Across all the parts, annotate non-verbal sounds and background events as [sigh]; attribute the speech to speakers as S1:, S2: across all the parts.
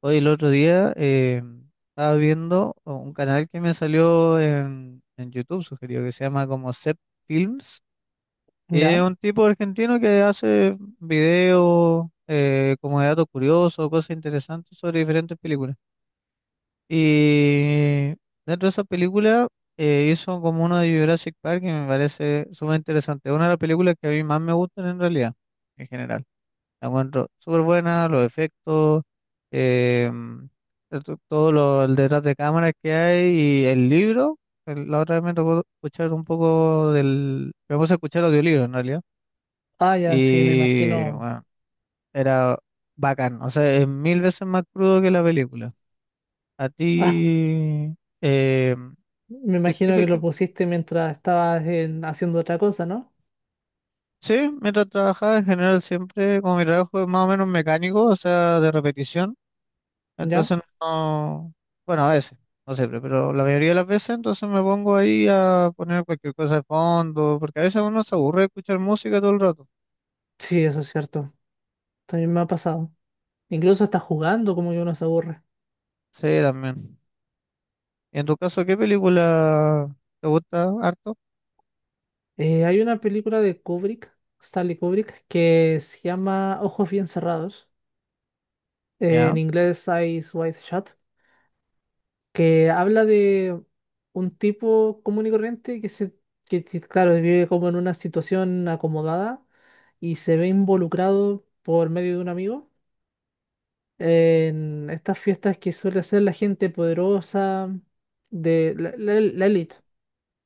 S1: Hoy el otro día estaba viendo un canal que me salió en YouTube, sugerido, que se llama como Set Films. Y es
S2: Ya.
S1: un tipo argentino que hace videos, como de datos curiosos, cosas interesantes sobre diferentes películas. Y dentro de esa película hizo como uno de Jurassic Park que me parece sumamente interesante. Es una de las películas que a mí más me gustan en realidad, en general. La encuentro súper buena, los efectos. em, Todo lo, el detrás de cámaras que hay y el libro. La otra vez me tocó escuchar un poco Me puse a escuchar audiolibro en realidad.
S2: Ah, ya, sí, me
S1: Y
S2: imagino.
S1: bueno,
S2: [laughs]
S1: era bacán. O sea, es mil veces más crudo que la película. A
S2: Ah,
S1: ti... em,
S2: me
S1: ¿te-
S2: imagino que
S1: qué
S2: lo
S1: qué-
S2: pusiste mientras estabas haciendo otra cosa, ¿no?
S1: sí, mientras trabajaba en general siempre, como mi trabajo es más o menos mecánico, o sea, de repetición.
S2: Ya.
S1: Entonces no, bueno, a veces, no siempre, pero la mayoría de las veces entonces me pongo ahí a poner cualquier cosa de fondo, porque a veces uno se aburre de escuchar música todo el rato.
S2: Sí, eso es cierto. También me ha pasado. Incluso hasta jugando, como que uno se aburre.
S1: Sí, también. ¿Y en tu caso qué película te gusta harto?
S2: Hay una película de Kubrick, Stanley Kubrick, que se llama Ojos bien cerrados,
S1: Ya,
S2: en inglés, Eyes Wide Shut, que habla de un tipo común y corriente que claro, vive como en una situación acomodada y se ve involucrado por medio de un amigo en estas fiestas que suele hacer la gente poderosa de la élite,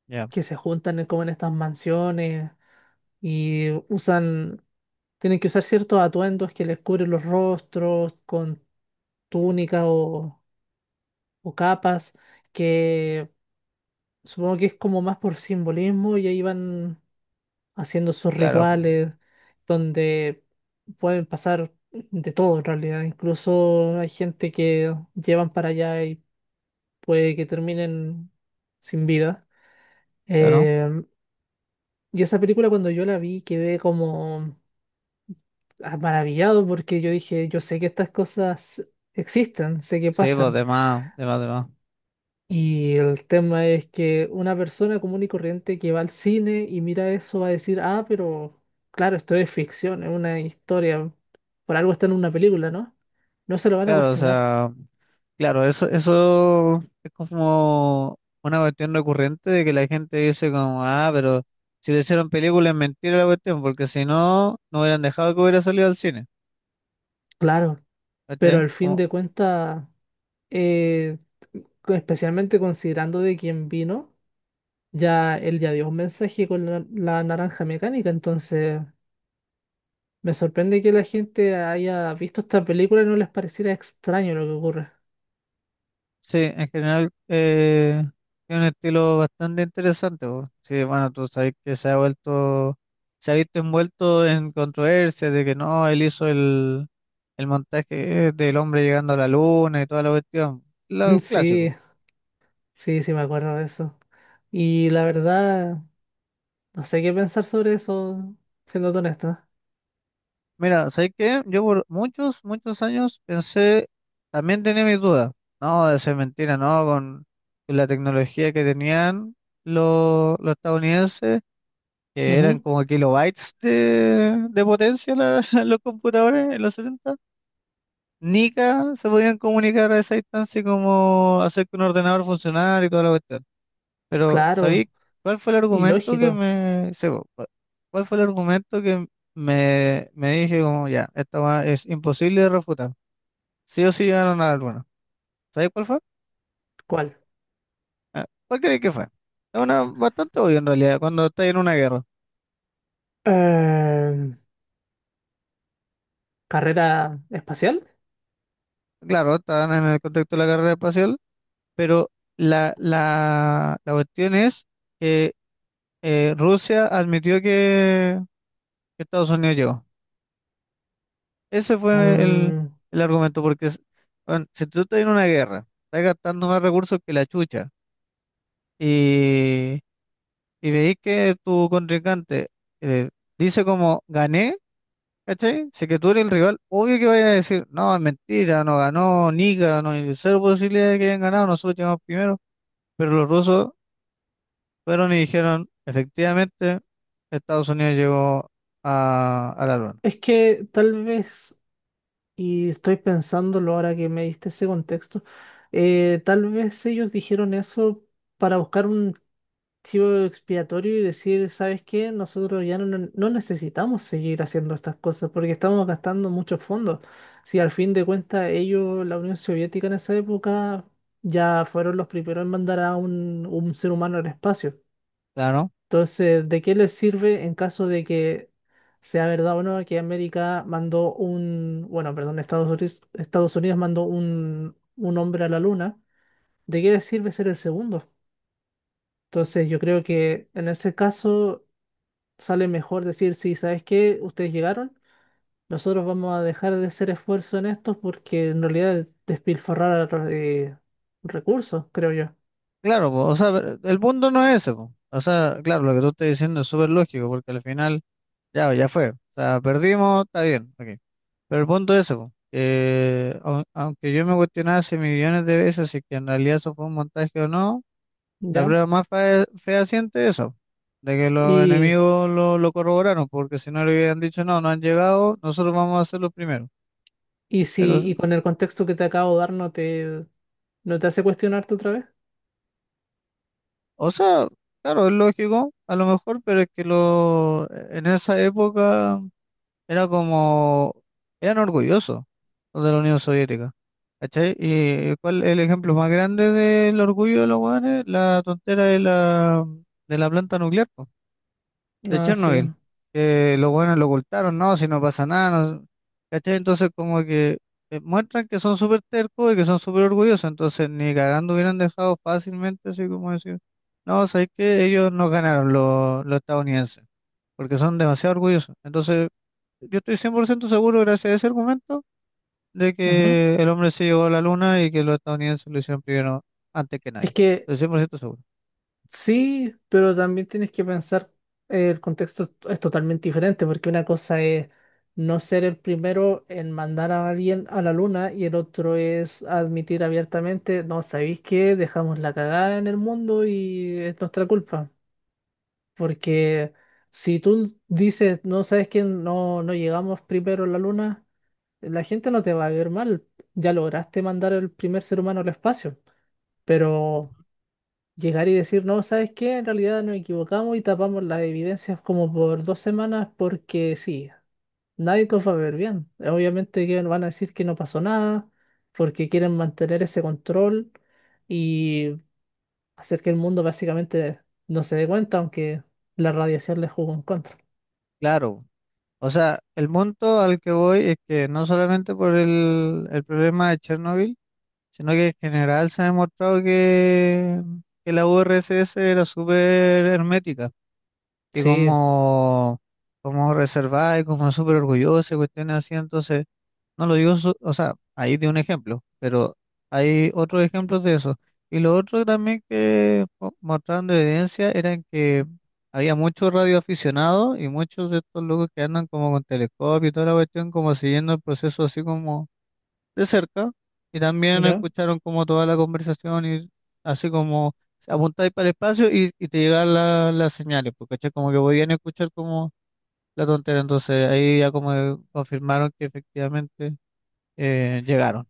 S1: ya,
S2: que se juntan como en estas mansiones y usan, tienen que usar ciertos atuendos que les cubren los rostros con túnicas o capas. Que Supongo que es como más por simbolismo y ahí van haciendo sus
S1: claro,
S2: rituales donde pueden pasar de todo en realidad. Incluso hay gente que llevan para allá y puede que terminen sin vida.
S1: claro.
S2: Eh, y esa película, cuando yo la vi, quedé como, ah, maravillado, porque yo dije, yo sé que estas cosas existen, sé que
S1: Sí, pues
S2: pasan.
S1: de más, de más, de más.
S2: Y el tema es que una persona común y corriente que va al cine y mira eso va a decir, ah, pero claro, esto es ficción, es una historia, por algo está en una película, ¿no? No se lo van a
S1: Claro, o
S2: cuestionar,
S1: sea. Claro, eso es como una cuestión recurrente de que la gente dice como, ah, pero si le hicieron película es mentira la cuestión, porque si no, no hubieran dejado que hubiera salido al cine,
S2: claro, pero
S1: ¿cachai?
S2: al fin
S1: Como,
S2: de cuentas, eh, especialmente considerando de quién vino, ya él ya dio un mensaje con la naranja mecánica, entonces me sorprende que la gente haya visto esta película y no les pareciera extraño lo que ocurre.
S1: sí, en general es un estilo bastante interesante, po. Sí, bueno, tú sabes que se ha visto envuelto en controversias de que no, él hizo el montaje del hombre llegando a la luna y toda la cuestión,
S2: [laughs]
S1: lo clásico.
S2: Sí. Sí, sí, me acuerdo de eso. Y la verdad, no sé qué pensar sobre eso, siendo honesto.
S1: Mira, ¿sabes qué? Yo por muchos, muchos años pensé, también tenía mis dudas, no, de ser mentira, no, con la tecnología que tenían los estadounidenses, que eran
S2: Ujú.
S1: como kilobytes de potencia [laughs] los computadores en los 70, ni se podían comunicar a esa distancia como hacer que un ordenador funcionara y toda la cuestión. Pero,
S2: Claro,
S1: ¿sabéis cuál fue el
S2: y
S1: argumento que
S2: lógico.
S1: sí, po, ¿cuál fue el argumento que me dije como, ya, esta weá es imposible de refutar? Sí o sí llegaron a la luna. ¿Sabéis cuál fue?
S2: ¿Cuál?
S1: Ah, ¿Cuál creéis que fue? Es una bastante obvio en realidad, cuando estáis en una guerra.
S2: Eh, ¿Carrera espacial?
S1: Claro, estaban en el contexto de la carrera espacial, pero la cuestión es que Rusia admitió que Estados Unidos llegó. Ese fue el,
S2: Mm,
S1: el argumento, porque bueno, si tú estás en una guerra, estás gastando más recursos que la chucha, y, veis que tu contrincante eh, dice como gané, ¿cachai? Si que tú eres el rival, obvio que vaya a decir, no, es mentira, no ganó, ni ganó, hay cero posibilidad de que hayan ganado, nosotros llegamos primero. Pero los rusos fueron y dijeron, efectivamente, Estados Unidos llegó a la luna.
S2: es que tal vez, y estoy pensándolo ahora que me diste ese contexto, tal vez ellos dijeron eso para buscar un chivo expiatorio y decir, ¿sabes qué? Nosotros ya no necesitamos seguir haciendo estas cosas porque estamos gastando muchos fondos. Si al fin de cuentas ellos, la Unión Soviética en esa época, ya fueron los primeros en mandar a un ser humano al espacio.
S1: Claro.
S2: Entonces, ¿de qué les sirve en caso de que sea verdad o no que América mandó un, bueno, perdón, Estados Unidos, Estados Unidos mandó un hombre a la luna? ¿De qué les sirve ser el segundo? Entonces, yo creo que en ese caso sale mejor decir, sí, ¿sabes qué? Ustedes llegaron, nosotros vamos a dejar de hacer esfuerzo en esto porque en realidad es despilfarrar recursos, creo yo.
S1: Claro, po, o sea, pero el punto no es ese, po. O sea, claro, lo que tú estás diciendo es súper lógico, porque al final, ya, ya fue. O sea, perdimos, está bien, ok. Pero el punto es ese, po, que aunque yo me cuestionaba hace millones de veces si que en realidad eso fue un montaje o no, la
S2: ¿Ya?
S1: prueba más fea, siente eso, de que los
S2: Y,
S1: enemigos lo corroboraron, porque si no le hubieran dicho, no, no han llegado, nosotros vamos a ser los primeros.
S2: y
S1: Pero,
S2: si y con el contexto que te acabo de dar, no te, hace cuestionarte otra vez.
S1: o sea, claro, es lógico, a lo mejor, pero es que lo, en esa época. Era como, eran orgullosos los de la Unión Soviética, ¿cachai? Y cuál el ejemplo más grande del orgullo de los hueones, la tontera de la planta nuclear, po, de
S2: Ah, sí.
S1: Chernobyl, que los hueones lo ocultaron, no, si no pasa nada, ¿cachai? Entonces como que muestran que son súper tercos y que son súper orgullosos, entonces ni cagando hubieran dejado fácilmente, así como decir, no, sabes que ellos no ganaron los estadounidenses, porque son demasiado orgullosos, entonces yo estoy 100% seguro, gracias a ese argumento, de
S2: Ujú.
S1: que el hombre se llegó a la luna y que los estadounidenses lo hicieron primero antes que
S2: Es
S1: nadie.
S2: que
S1: Estoy 100% seguro.
S2: Sí, pero también tienes que pensar, el contexto es totalmente diferente, porque una cosa es no ser el primero en mandar a alguien a la luna y el otro es admitir abiertamente, no, ¿sabéis qué? Dejamos la cagada en el mundo y es nuestra culpa. Porque si tú dices, no, sabes que no llegamos primero a la luna, la gente no te va a ver mal, ya lograste mandar el primer ser humano al espacio, pero... Llegar y decir, no, ¿sabes qué? En realidad nos equivocamos y tapamos las evidencias como por 2 semanas porque sí, nadie los va a ver bien. Obviamente que van a decir que no pasó nada porque quieren mantener ese control y hacer que el mundo básicamente no se dé cuenta, aunque la radiación les jugó en contra.
S1: Claro. O sea, el punto al que voy es que no solamente por el problema de Chernobyl, sino que en general se ha demostrado que, la URSS era súper hermética y
S2: Sí,
S1: como reservada y como súper orgullosa y cuestiones así. Entonces, no lo digo, o sea, ahí di un ejemplo, pero hay otros ejemplos de eso. Y lo otro también que mostraron de evidencia eran que había muchos radioaficionados y muchos de estos locos que andan como con telescopio y toda la cuestión, como siguiendo el proceso así como de cerca. Y también
S2: ya.
S1: escucharon como toda la conversación y así como apuntáis para el espacio y te llegan las señales, porque como que podían escuchar como la tontera. Entonces ahí ya como confirmaron que efectivamente llegaron.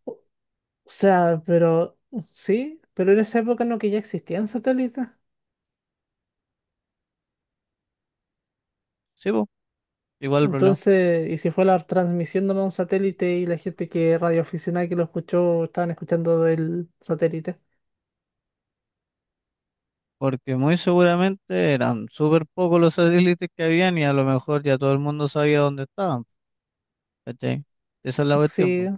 S2: O sea, pero sí, pero en esa época no, que ya existían satélites.
S1: Sí, po, igual el problema.
S2: Entonces, y si fue la transmisión de un satélite y la gente que radioaficionada que lo escuchó estaban escuchando del satélite.
S1: Porque muy seguramente eran súper pocos los satélites que habían y a lo mejor ya todo el mundo sabía dónde estaban. ¿Cachai? Esa es la cuestión,
S2: Sí,
S1: po.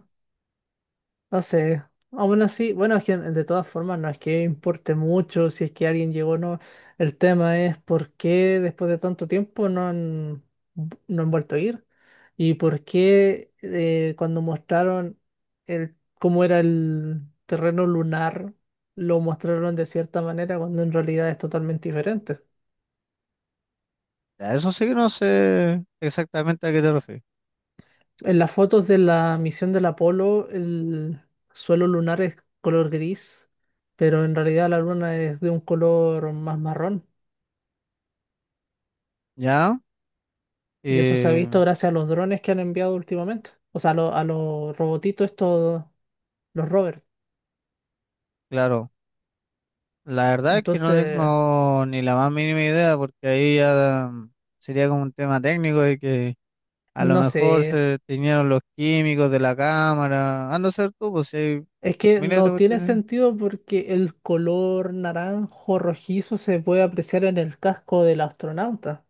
S2: no sé. Aún así, bueno, es que de todas formas no es que importe mucho si es que alguien llegó o no. El tema es por qué después de tanto tiempo no han vuelto a ir. Y por qué cuando mostraron cómo era el terreno lunar, lo mostraron de cierta manera cuando en realidad es totalmente diferente.
S1: Ya, eso sí que no sé exactamente a qué te refieres.
S2: En las fotos de la misión del Apolo, el suelo lunar es color gris, pero en realidad la luna es de un color más marrón.
S1: Ya,
S2: Y eso se ha
S1: eh,
S2: visto gracias a los drones que han enviado últimamente. O sea, a los robotitos estos, los rovers.
S1: claro. La verdad es que no
S2: Entonces,
S1: tengo ni la más mínima idea porque ahí ya sería como un tema técnico de que a lo
S2: no
S1: mejor
S2: sé.
S1: se teñieron los químicos de la cámara. Anda a ser tú, pues si hay
S2: Es que
S1: miles de
S2: no tiene
S1: cuestiones.
S2: sentido porque el color naranjo rojizo se puede apreciar en el casco del astronauta.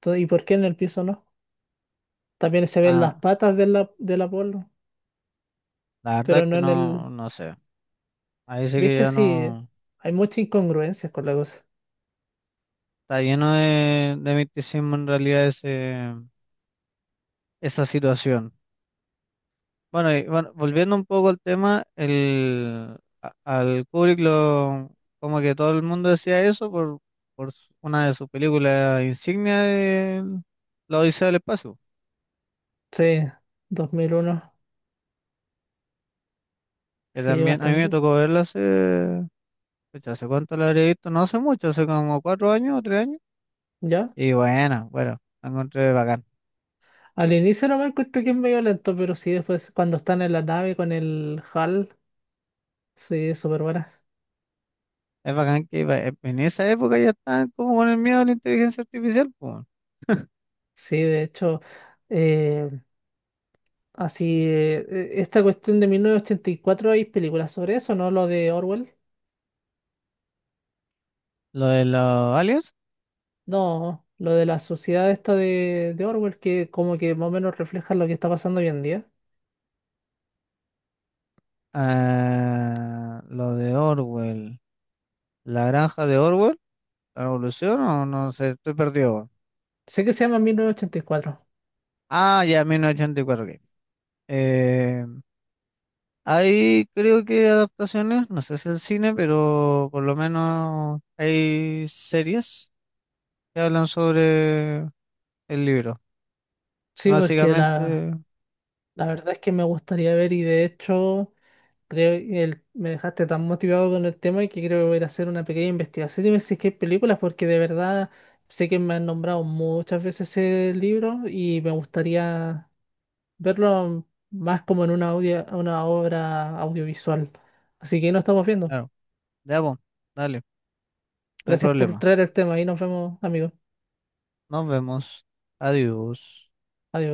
S2: Entonces, ¿y por qué en el piso no? También se ven las
S1: Ah,
S2: patas del Apolo,
S1: la verdad es
S2: pero
S1: que
S2: no en el...
S1: no, no sé. Ahí sí que
S2: ¿Viste
S1: ya
S2: si
S1: no.
S2: hay muchas incongruencias con la cosa?
S1: Está lleno de misticismo en realidad esa situación. Bueno, y bueno, volviendo un poco al tema, al Kubrick lo, como que todo el mundo decía eso por una de sus películas insignia de La Odisea del Espacio.
S2: Sí, 2001,
S1: Que
S2: sí,
S1: también a mí me
S2: bastante.
S1: tocó verla hace, pucha, ¿hace cuánto la habría visto? No hace mucho, hace como 4 años o 3 años.
S2: ¿Ya?
S1: Y bueno, bueno, la encontré bacán.
S2: Al inicio no me encuentro, que es medio lento, pero sí, después cuando están en la nave con el HAL, sí, es súper buena.
S1: Es bacán que en esa época ya estaban como con el miedo a la inteligencia artificial, po, weón.
S2: Sí, de hecho, eh, así, esta cuestión de 1984, ¿hay películas sobre eso, no? Lo de Orwell.
S1: Lo de los aliens,
S2: No, lo de la sociedad esta de Orwell, que como que más o menos refleja lo que está pasando hoy en día.
S1: ah, lo de Orwell, la granja de Orwell, la revolución, o no sé, estoy perdido, weón.
S2: Sé que se llama 1984.
S1: Ah, ya, 1984, ok. Eh, hay creo que adaptaciones, no sé si el cine, pero por lo menos hay series que hablan sobre el libro.
S2: Sí, porque la,
S1: Básicamente,
S2: La verdad es que me gustaría ver, y de hecho creo que me dejaste tan motivado con el tema, que creo que voy a ir a hacer una pequeña investigación y ver si es que hay películas, porque de verdad sé que me han nombrado muchas veces ese libro y me gustaría verlo más como en una obra audiovisual. Así que nos estamos viendo.
S1: claro, ya, po, dale, no hay
S2: Gracias por
S1: problema.
S2: traer el tema y nos vemos, amigos.
S1: Nos vemos. Adiós.
S2: Adiós.